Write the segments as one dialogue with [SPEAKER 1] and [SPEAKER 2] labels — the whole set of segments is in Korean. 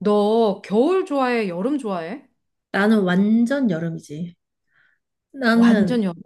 [SPEAKER 1] 너 겨울 좋아해? 여름 좋아해?
[SPEAKER 2] 나는 완전 여름이지.
[SPEAKER 1] 완전
[SPEAKER 2] 나는,
[SPEAKER 1] 여름.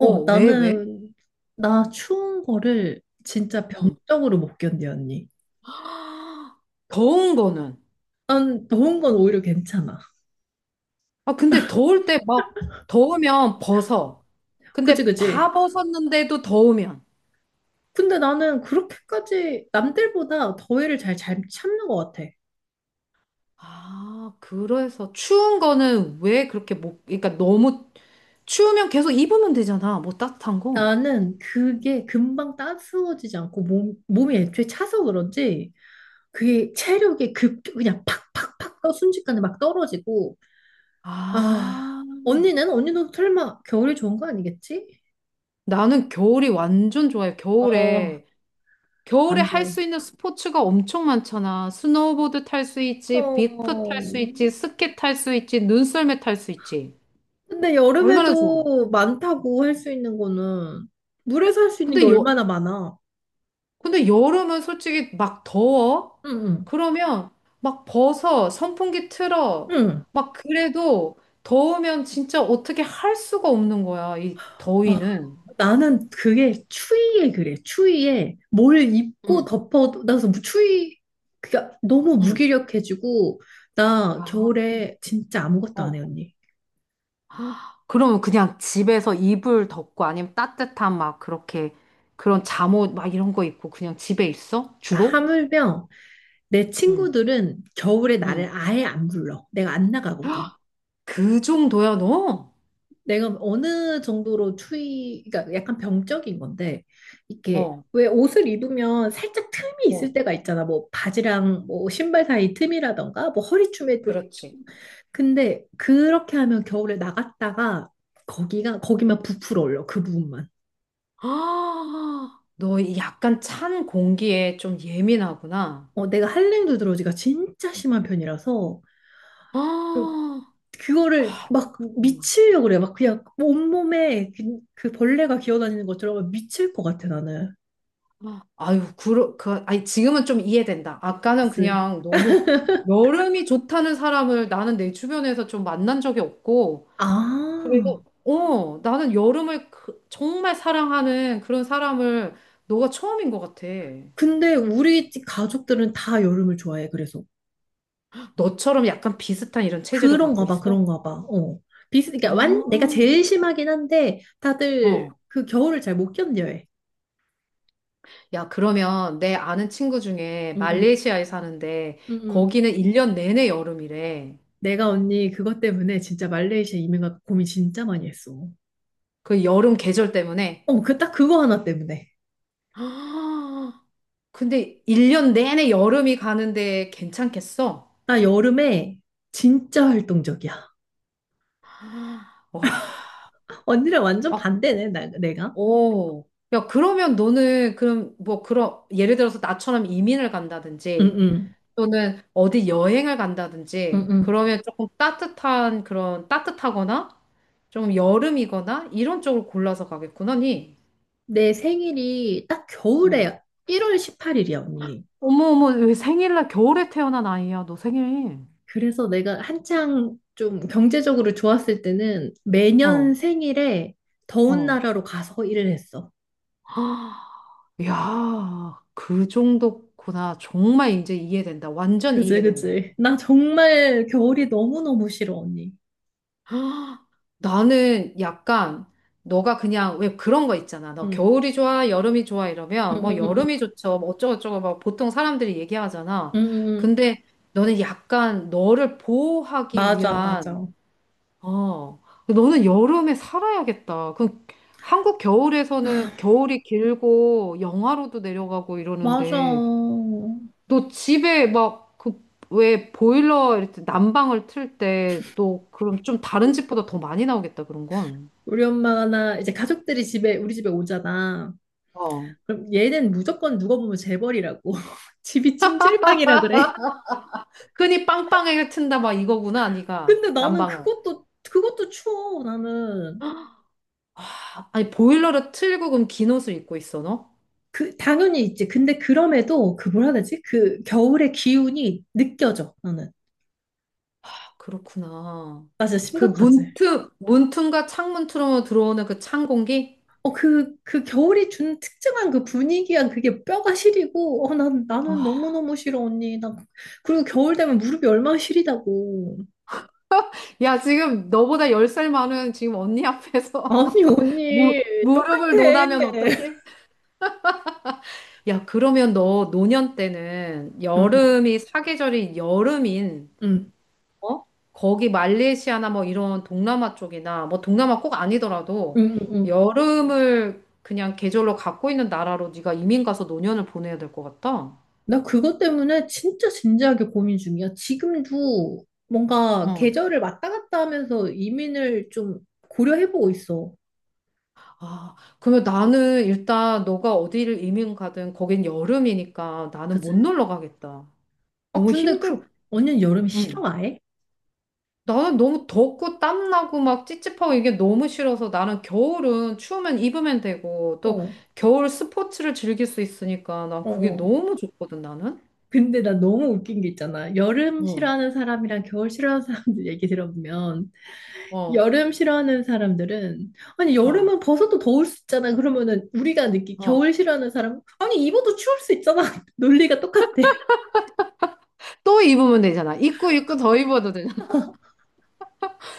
[SPEAKER 1] 어, 왜?
[SPEAKER 2] 나는, 나 추운 거를 진짜
[SPEAKER 1] 응.
[SPEAKER 2] 병적으로 못 견뎌, 언니.
[SPEAKER 1] 더운 거는.
[SPEAKER 2] 난 더운 건 오히려 괜찮아.
[SPEAKER 1] 아, 근데 더울 때 막 더우면 벗어.
[SPEAKER 2] 그지,
[SPEAKER 1] 근데
[SPEAKER 2] 그지?
[SPEAKER 1] 다 벗었는데도 더우면.
[SPEAKER 2] 근데 나는 그렇게까지 남들보다 더위를 잘, 잘 참는 것 같아.
[SPEAKER 1] 아, 그래서 추운 거는 왜 그렇게 못, 그러니까 너무 추우면 계속 입으면 되잖아. 뭐 따뜻한 거.
[SPEAKER 2] 나는 그게 금방 따스워지지 않고 몸, 몸이 애초에 차서 그런지 그게 체력이 급, 그냥 팍팍팍 떠 순식간에 막 떨어지고. 아,
[SPEAKER 1] 아,
[SPEAKER 2] 언니는? 언니도 설마 겨울이 좋은 거 아니겠지?
[SPEAKER 1] 나는 겨울이 완전 좋아요.
[SPEAKER 2] 어,
[SPEAKER 1] 겨울에
[SPEAKER 2] 안
[SPEAKER 1] 할 수
[SPEAKER 2] 돼.
[SPEAKER 1] 있는 스포츠가 엄청 많잖아. 스노우보드 탈 수 있지, 빅프 탈 수 있지,
[SPEAKER 2] 어,
[SPEAKER 1] 스키 탈 수 있지, 눈썰매 탈 수 있지.
[SPEAKER 2] 근데
[SPEAKER 1] 얼마나 좋아.
[SPEAKER 2] 여름에도 많다고 할 수 있는 거는 물에서 할 수 있는 게
[SPEAKER 1] 근데 여,
[SPEAKER 2] 얼마나 많아.
[SPEAKER 1] 근데 여름은 솔직히 막 더워.
[SPEAKER 2] 응, 응,
[SPEAKER 1] 그러면 막 벗어, 선풍기 틀어.
[SPEAKER 2] 응.
[SPEAKER 1] 막 그래도 더우면 진짜 어떻게 할 수가 없는 거야, 이
[SPEAKER 2] 아,
[SPEAKER 1] 더위는.
[SPEAKER 2] 나는 그게 추위에 그래. 추위에 뭘 입고
[SPEAKER 1] 응,
[SPEAKER 2] 덮어도, 나 그래서 추위, 그니까 너무
[SPEAKER 1] 응.
[SPEAKER 2] 무기력해지고, 나
[SPEAKER 1] 아, 응.
[SPEAKER 2] 겨울에 진짜 아무것도 안 해,
[SPEAKER 1] 어,
[SPEAKER 2] 언니.
[SPEAKER 1] 그러면 그냥 집에서 이불 덮고 아니면 따뜻한 막 그렇게 그런 잠옷 막 이런 거 입고 그냥 집에 있어?
[SPEAKER 2] 나
[SPEAKER 1] 주로?
[SPEAKER 2] 하물며 내
[SPEAKER 1] 응,
[SPEAKER 2] 친구들은 겨울에 나를
[SPEAKER 1] 응.
[SPEAKER 2] 아예 안 불러. 내가 안 나가거든.
[SPEAKER 1] 그 정도야, 너?
[SPEAKER 2] 내가 어느 정도로 추위, 그러니까 약간 병적인 건데, 이렇게
[SPEAKER 1] 어,
[SPEAKER 2] 왜 옷을 입으면 살짝 틈이 있을
[SPEAKER 1] 어,
[SPEAKER 2] 때가 있잖아. 뭐 바지랑 뭐 신발 사이 틈이라던가, 뭐 허리춤에 또.
[SPEAKER 1] 그렇지.
[SPEAKER 2] 좀- 근데 그렇게 하면 겨울에 나갔다가 거기가, 거기만 부풀어 올려. 그 부분만.
[SPEAKER 1] 아, 너이 약간 찬 공기에 좀 예민하구나.
[SPEAKER 2] 어, 내가 한랭 두드러지가 진짜 심한 편이라서 그,
[SPEAKER 1] 아,
[SPEAKER 2] 그거를 막
[SPEAKER 1] 음.
[SPEAKER 2] 미치려고 그래. 막 그냥 온몸에 그, 그 벌레가 기어다니는 것처럼 미칠 것 같아, 나는.
[SPEAKER 1] 아유, 아니, 지금은 좀 이해된다. 아까는
[SPEAKER 2] 그치.
[SPEAKER 1] 그냥 너무 여름이 좋다는 사람을 나는 내 주변에서 좀 만난 적이 없고, 그리고
[SPEAKER 2] 아.
[SPEAKER 1] 어, 나는 여름을 정말 사랑하는 그런 사람을 너가 처음인 것 같아.
[SPEAKER 2] 근데 우리 집 가족들은 다 여름을 좋아해. 그래서
[SPEAKER 1] 너처럼 약간 비슷한 이런 체질을 갖고
[SPEAKER 2] 그런가 봐,
[SPEAKER 1] 있어?
[SPEAKER 2] 그런가 봐. 어. 비슷, 그러니까 완 내가
[SPEAKER 1] 아,
[SPEAKER 2] 제일 심하긴 한데 다들
[SPEAKER 1] 어.
[SPEAKER 2] 그 겨울을 잘 못 견뎌해.
[SPEAKER 1] 야, 그러면 내 아는 친구 중에
[SPEAKER 2] 응응,
[SPEAKER 1] 말레이시아에 사는데
[SPEAKER 2] 응응.
[SPEAKER 1] 거기는 1년 내내 여름이래.
[SPEAKER 2] 내가 언니 그것 때문에 진짜 말레이시아 이민 가 고민 진짜 많이 했어.
[SPEAKER 1] 그 여름 계절 때문에.
[SPEAKER 2] 어, 그 딱 그거 하나 때문에.
[SPEAKER 1] 아, 근데 1년 내내 여름이 가는데 괜찮겠어?
[SPEAKER 2] 나 여름에 진짜 활동적이야. 언니랑 완전
[SPEAKER 1] 와,
[SPEAKER 2] 반대네, 나, 내가.
[SPEAKER 1] 오. 야, 그러면 너는 그럼 뭐 그런 예를 들어서 나처럼 이민을 간다든지
[SPEAKER 2] 응응,
[SPEAKER 1] 또는 어디 여행을 간다든지
[SPEAKER 2] 응응.
[SPEAKER 1] 그러면 조금 따뜻한 그런 따뜻하거나 좀 여름이거나 이런 쪽을 골라서 가겠구나, 니.
[SPEAKER 2] 내 생일이 딱
[SPEAKER 1] 응.
[SPEAKER 2] 겨울에 1월 18일이야, 언니.
[SPEAKER 1] 어머, 어머, 왜 생일날 겨울에 태어난 아이야? 너 생일.
[SPEAKER 2] 그래서 내가 한창 좀 경제적으로 좋았을 때는
[SPEAKER 1] 어,
[SPEAKER 2] 매년 생일에 더운
[SPEAKER 1] 어.
[SPEAKER 2] 나라로 가서 일을 했어.
[SPEAKER 1] 헉, 야, 그 정도구나. 정말 이제 이해된다. 완전
[SPEAKER 2] 그지,
[SPEAKER 1] 이해된다.
[SPEAKER 2] 그지. 나 정말 겨울이 너무너무 싫어, 언니.
[SPEAKER 1] 나는 약간 너가 그냥 왜 그런 거 있잖아. 너
[SPEAKER 2] 응,
[SPEAKER 1] 겨울이 좋아, 여름이 좋아
[SPEAKER 2] 응,
[SPEAKER 1] 이러면
[SPEAKER 2] 응,
[SPEAKER 1] 뭐
[SPEAKER 2] 응, 응,
[SPEAKER 1] 여름이 좋죠. 뭐 어쩌고저쩌고 막 보통 사람들이 얘기하잖아.
[SPEAKER 2] 응. 응. 응.
[SPEAKER 1] 근데 너는 약간 너를 보호하기
[SPEAKER 2] 맞아,
[SPEAKER 1] 위한
[SPEAKER 2] 맞아.
[SPEAKER 1] 어 너는 여름에 살아야겠다. 그 한국 겨울에서는 겨울이 길고 영하로도 내려가고
[SPEAKER 2] 맞아.
[SPEAKER 1] 이러는데 너 집에 막 그 왜 보일러 이렇게 난방을 틀 때 또 그럼 좀 다른 집보다 더 많이 나오겠다 그런 건.
[SPEAKER 2] 우리 엄마가 나 이제 가족들이 집에, 우리 집에 오잖아.
[SPEAKER 1] 어.
[SPEAKER 2] 그럼 얘는 무조건 누가 보면 재벌이라고. 집이 찜질방이라 그래.
[SPEAKER 1] 흔히 빵빵하게 튼다 막 이거구나, 네가.
[SPEAKER 2] 근데 나는
[SPEAKER 1] 난방을.
[SPEAKER 2] 그것도, 그것도 추워, 나는.
[SPEAKER 1] 아, 아니, 보일러를 틀고 그럼 긴 옷을 입고 있어, 너?
[SPEAKER 2] 그 당연히 있지. 근데 그럼에도 그 뭐라 해야 되지? 그 겨울의 기운이 느껴져. 나는.
[SPEAKER 1] 아, 그렇구나.
[SPEAKER 2] 나 진짜
[SPEAKER 1] 그
[SPEAKER 2] 심각하지.
[SPEAKER 1] 문틈과 창문 틈으로 들어오는 그 찬 공기?
[SPEAKER 2] 어, 그, 그 겨울이 준 특정한 그 분위기한 그게 뼈가 시리고, 어, 난, 나는
[SPEAKER 1] 아,
[SPEAKER 2] 너무너무 싫어, 언니. 난, 그리고 겨울 되면 무릎이 얼마나 시리다고.
[SPEAKER 1] 야, 지금 너보다 10살 많은 지금 언니 앞에서
[SPEAKER 2] 아니,
[SPEAKER 1] 무,
[SPEAKER 2] 언니,
[SPEAKER 1] 무릎을
[SPEAKER 2] 똑같아.
[SPEAKER 1] 논하면 어떡해? 야, 그러면 너 노년 때는
[SPEAKER 2] 응, 응,
[SPEAKER 1] 여름이 사계절이 여름인
[SPEAKER 2] 응,
[SPEAKER 1] 어? 거기 말레이시아나 뭐 이런 동남아 쪽이나 뭐 동남아 꼭 아니더라도
[SPEAKER 2] 응, 응. 응.
[SPEAKER 1] 여름을 그냥 계절로 갖고 있는 나라로 네가 이민 가서 노년을 보내야 될 것 같다.
[SPEAKER 2] 나 그것 때문에 진짜 진지하게 고민 중이야. 지금도 뭔가
[SPEAKER 1] 응.
[SPEAKER 2] 계절을 왔다 갔다 하면서 이민을 좀 고려해보고 있어.
[SPEAKER 1] 아, 그러면 나는 일단 너가 어디를 이민 가든 거긴 여름이니까 나는
[SPEAKER 2] 그지?
[SPEAKER 1] 못 놀러 가겠다.
[SPEAKER 2] 어,
[SPEAKER 1] 너무
[SPEAKER 2] 근데 그,
[SPEAKER 1] 힘들.
[SPEAKER 2] 언니는 여름 싫어,
[SPEAKER 1] 응.
[SPEAKER 2] 아예?
[SPEAKER 1] 나는 너무 덥고 땀나고 막 찝찝하고 이게 너무 싫어서 나는 겨울은 추우면 입으면 되고 또
[SPEAKER 2] 어,
[SPEAKER 1] 겨울 스포츠를 즐길 수 있으니까 난
[SPEAKER 2] 어,
[SPEAKER 1] 그게
[SPEAKER 2] 어.
[SPEAKER 1] 너무 좋거든 나는.
[SPEAKER 2] 근데 나 너무 웃긴 게 있잖아. 여름
[SPEAKER 1] 어,
[SPEAKER 2] 싫어하는 사람이랑 겨울 싫어하는 사람들 얘기 들어보면,
[SPEAKER 1] 어,
[SPEAKER 2] 여름 싫어하는 사람들은, 아니,
[SPEAKER 1] 어,
[SPEAKER 2] 여름은 벗어도 더울 수 있잖아. 그러면은 우리가 느끼,
[SPEAKER 1] 어.
[SPEAKER 2] 겨울 싫어하는 사람, 아니, 입어도 추울 수 있잖아. 논리가 똑같아.
[SPEAKER 1] 또 입으면 되잖아. 입고 입고 더 입어도 되잖아.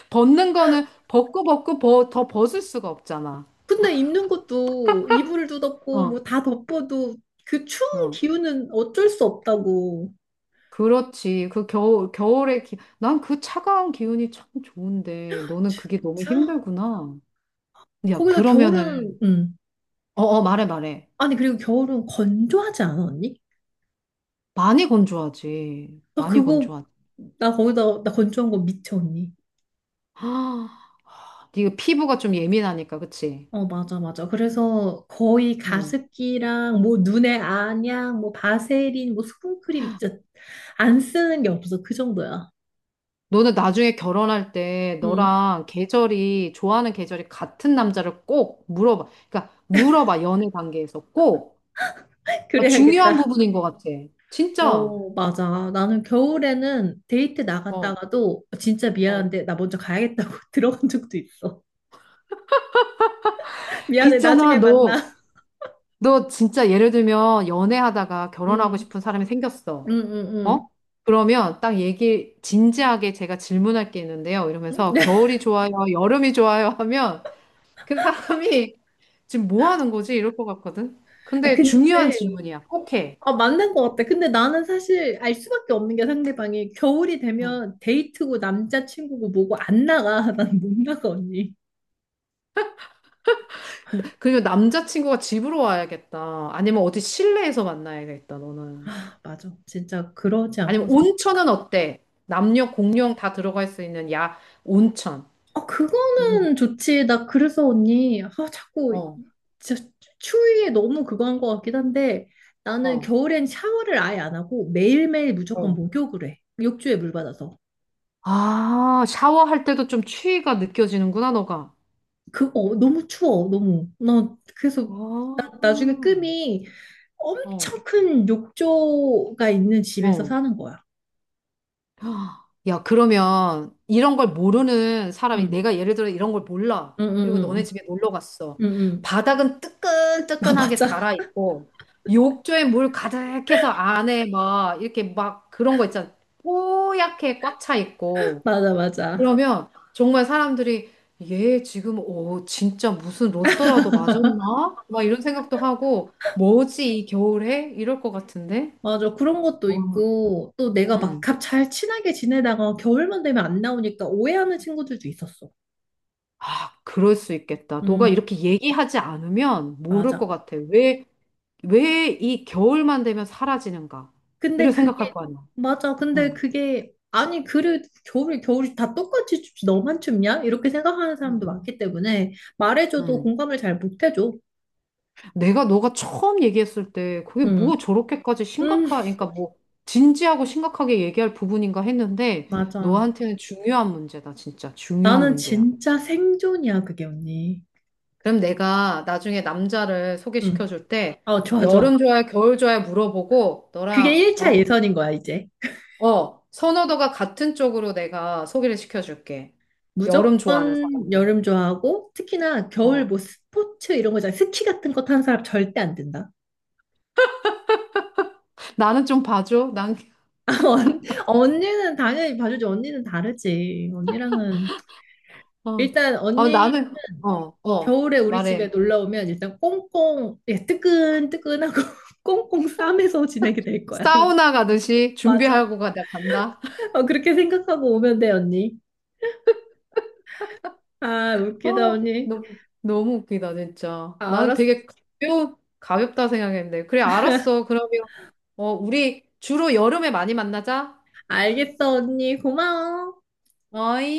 [SPEAKER 1] 벗는 거는 벗고 벗고 더 벗을 수가 없잖아.
[SPEAKER 2] 근데 입는 것도 이불도 덮고,
[SPEAKER 1] 어,
[SPEAKER 2] 뭐 다 덮어도 그 추운
[SPEAKER 1] 어.
[SPEAKER 2] 기운은 어쩔 수 없다고.
[SPEAKER 1] 그렇지. 그 겨울에 난 그 차가운 기운이 참 좋은데 너는 그게 너무
[SPEAKER 2] 진짜?
[SPEAKER 1] 힘들구나. 야,
[SPEAKER 2] 거기다 겨울은,
[SPEAKER 1] 그러면은 어, 어, 말해 말해.
[SPEAKER 2] 아니, 그리고 겨울은 건조하지 않아, 언니?
[SPEAKER 1] 많이 건조하지.
[SPEAKER 2] 나
[SPEAKER 1] 많이
[SPEAKER 2] 그거,
[SPEAKER 1] 건조하지.
[SPEAKER 2] 나 거기다, 나 건조한 거 미쳐, 언니.
[SPEAKER 1] 아, 네가 피부가 좀 예민하니까 그치?
[SPEAKER 2] 어, 맞아, 맞아. 그래서 거의
[SPEAKER 1] 응.
[SPEAKER 2] 가습기랑 뭐 눈에 안약, 뭐 바세린, 뭐 수분크림, 진짜 안 쓰는 게 없어. 그 정도야.
[SPEAKER 1] 너는 나중에 결혼할 때
[SPEAKER 2] 응.
[SPEAKER 1] 너랑 좋아하는 계절이 같은 남자를 꼭 물어봐. 그러니까 물어봐, 연애 관계에서 꼭. 아, 중요한
[SPEAKER 2] 그래야겠다.
[SPEAKER 1] 부분인 것 같아. 진짜.
[SPEAKER 2] 어, 맞아. 나는 겨울에는 데이트
[SPEAKER 1] 어,
[SPEAKER 2] 나갔다가도 진짜
[SPEAKER 1] 어.
[SPEAKER 2] 미안한데 나 먼저 가야겠다고 들어간 적도 있어.
[SPEAKER 1] 그
[SPEAKER 2] 미안해.
[SPEAKER 1] 있잖아,
[SPEAKER 2] 나중에
[SPEAKER 1] 너,
[SPEAKER 2] 만나.
[SPEAKER 1] 너 진짜 예를 들면 연애하다가 결혼하고
[SPEAKER 2] 응,
[SPEAKER 1] 싶은 사람이
[SPEAKER 2] 응,
[SPEAKER 1] 생겼어. 어?
[SPEAKER 2] 응,
[SPEAKER 1] 그러면 딱 진지하게 제가 질문할 게 있는데요.
[SPEAKER 2] 응.
[SPEAKER 1] 이러면서 겨울이 좋아요, 여름이 좋아요 하면 그 사람이 지금 뭐 하는 거지? 이럴 것 같거든.
[SPEAKER 2] 아,
[SPEAKER 1] 근데 중요한
[SPEAKER 2] 근데
[SPEAKER 1] 질문이야. 꼭 해.
[SPEAKER 2] 아, 맞는 것 같아. 근데 나는 사실 알 수밖에 없는 게 상대방이 겨울이
[SPEAKER 1] 응.
[SPEAKER 2] 되면 데이트고 남자친구고 뭐고 안 나가. 난 못 나가, 언니.
[SPEAKER 1] 그리고 남자친구가 집으로 와야겠다. 아니면 어디 실내에서 만나야겠다, 너는.
[SPEAKER 2] 아, 맞아. 진짜 그러지
[SPEAKER 1] 아니면
[SPEAKER 2] 않고선.
[SPEAKER 1] 온천은 어때? 남녀 공용 다 들어갈 수 있는 야, 온천.
[SPEAKER 2] 아,
[SPEAKER 1] 음.
[SPEAKER 2] 그거는 좋지. 나 그래서 언니. 아, 자꾸
[SPEAKER 1] 어,
[SPEAKER 2] 진짜 추위에 너무 그거 한 것 같긴 한데 나는
[SPEAKER 1] 어,
[SPEAKER 2] 겨울엔 샤워를 아예 안 하고 매일매일 무조건
[SPEAKER 1] 어.
[SPEAKER 2] 목욕을 해. 욕조에 물 받아서.
[SPEAKER 1] 아, 샤워할 때도 좀 추위가 느껴지는구나, 너가.
[SPEAKER 2] 그, 어, 너무 추워, 너무. 나,
[SPEAKER 1] 아,
[SPEAKER 2] 그래서, 나, 나중에
[SPEAKER 1] 어,
[SPEAKER 2] 꿈이 엄청 큰 욕조가 있는 집에서
[SPEAKER 1] 어.
[SPEAKER 2] 사는 거야.
[SPEAKER 1] 야, 그러면 이런 걸 모르는 사람이
[SPEAKER 2] 응,
[SPEAKER 1] 내가 예를 들어 이런 걸 몰라.
[SPEAKER 2] 응, 응,
[SPEAKER 1] 그리고 너네
[SPEAKER 2] 응,
[SPEAKER 1] 집에 놀러 갔어.
[SPEAKER 2] 응, 응. 응.
[SPEAKER 1] 바닥은
[SPEAKER 2] 아,
[SPEAKER 1] 뜨끈뜨끈하게
[SPEAKER 2] 맞아.
[SPEAKER 1] 달아 있고 욕조에 물 가득해서 안에 막 이렇게 막 그런 거 있잖아. 뽀얗게 꽉 차 있고.
[SPEAKER 2] 맞아, 맞아.
[SPEAKER 1] 그러면 정말 사람들이 얘 지금 오 진짜 무슨 로또라도 맞았나? 막 이런 생각도 하고 뭐지 이 겨울에? 이럴 것 같은데.
[SPEAKER 2] 맞아. 그런 것도
[SPEAKER 1] 어.
[SPEAKER 2] 있고, 또 내가 막
[SPEAKER 1] 음.
[SPEAKER 2] 잘 친하게 지내다가 겨울만 되면 안 나오니까 오해하는 친구들도 있었어.
[SPEAKER 1] 아, 그럴 수 있겠다. 너가
[SPEAKER 2] 응,
[SPEAKER 1] 이렇게 얘기하지 않으면 모를 것
[SPEAKER 2] 맞아.
[SPEAKER 1] 같아. 왜 이 겨울만 되면 사라지는가?
[SPEAKER 2] 근데
[SPEAKER 1] 이런 생각할
[SPEAKER 2] 그게
[SPEAKER 1] 거 아니야.
[SPEAKER 2] 맞아.
[SPEAKER 1] 응,
[SPEAKER 2] 근데 그게 아니 그래 겨울이 다 똑같이 춥지 너만 춥냐? 이렇게 생각하는
[SPEAKER 1] 응,
[SPEAKER 2] 사람도 많기 때문에 말해줘도
[SPEAKER 1] 응.
[SPEAKER 2] 공감을 잘 못해줘.
[SPEAKER 1] 내가 너가 처음 얘기했을 때 그게
[SPEAKER 2] 응,
[SPEAKER 1] 뭐 저렇게까지
[SPEAKER 2] 응,
[SPEAKER 1] 그러니까 뭐 진지하고 심각하게 얘기할 부분인가 했는데
[SPEAKER 2] 맞아.
[SPEAKER 1] 너한테는 중요한 문제다, 진짜. 중요한
[SPEAKER 2] 나는
[SPEAKER 1] 문제야.
[SPEAKER 2] 진짜 생존이야 그게 언니.
[SPEAKER 1] 그럼 내가 나중에 남자를
[SPEAKER 2] 응,
[SPEAKER 1] 소개시켜 줄 때
[SPEAKER 2] 어 좋아 좋아.
[SPEAKER 1] 여름 좋아해, 겨울 좋아해 물어보고
[SPEAKER 2] 그게
[SPEAKER 1] 너랑
[SPEAKER 2] 1차
[SPEAKER 1] 어?
[SPEAKER 2] 예선인 거야 이제.
[SPEAKER 1] 어, 선호도가 같은 쪽으로 내가 소개를 시켜줄게. 여름 좋아하는
[SPEAKER 2] 무조건
[SPEAKER 1] 사람으로.
[SPEAKER 2] 여름 좋아하고 특히나 겨울
[SPEAKER 1] 어,
[SPEAKER 2] 뭐 스포츠 이런 거잖아. 스키 같은 거 타는 사람 절대 안 된다.
[SPEAKER 1] 나는 좀 봐줘. 난,
[SPEAKER 2] 언- 언니는 당연히 봐주지. 언니는 다르지. 언니랑은
[SPEAKER 1] 어,
[SPEAKER 2] 일단
[SPEAKER 1] 어,
[SPEAKER 2] 언니
[SPEAKER 1] 나는, 어, 어,
[SPEAKER 2] 겨울에 우리 집에
[SPEAKER 1] 말해.
[SPEAKER 2] 놀러 오면 일단 꽁꽁 예, 뜨끈뜨끈하고 꽁꽁 싸매서 지내게 될 거야. 우리
[SPEAKER 1] 사우나 가듯이
[SPEAKER 2] 맞아.
[SPEAKER 1] 준비하고 가, 나 간다.
[SPEAKER 2] 어, 그렇게 생각하고 오면 돼, 언니. 아, 웃기다,
[SPEAKER 1] 어,
[SPEAKER 2] 언니.
[SPEAKER 1] 너무, 너무 웃기다, 진짜. 나는
[SPEAKER 2] 알았어.
[SPEAKER 1] 되게 가볍다 생각했는데. 그래, 알았어. 그러면, 우리 주로 여름에 많이 만나자.
[SPEAKER 2] 알겠어, 언니. 고마워.
[SPEAKER 1] 어이?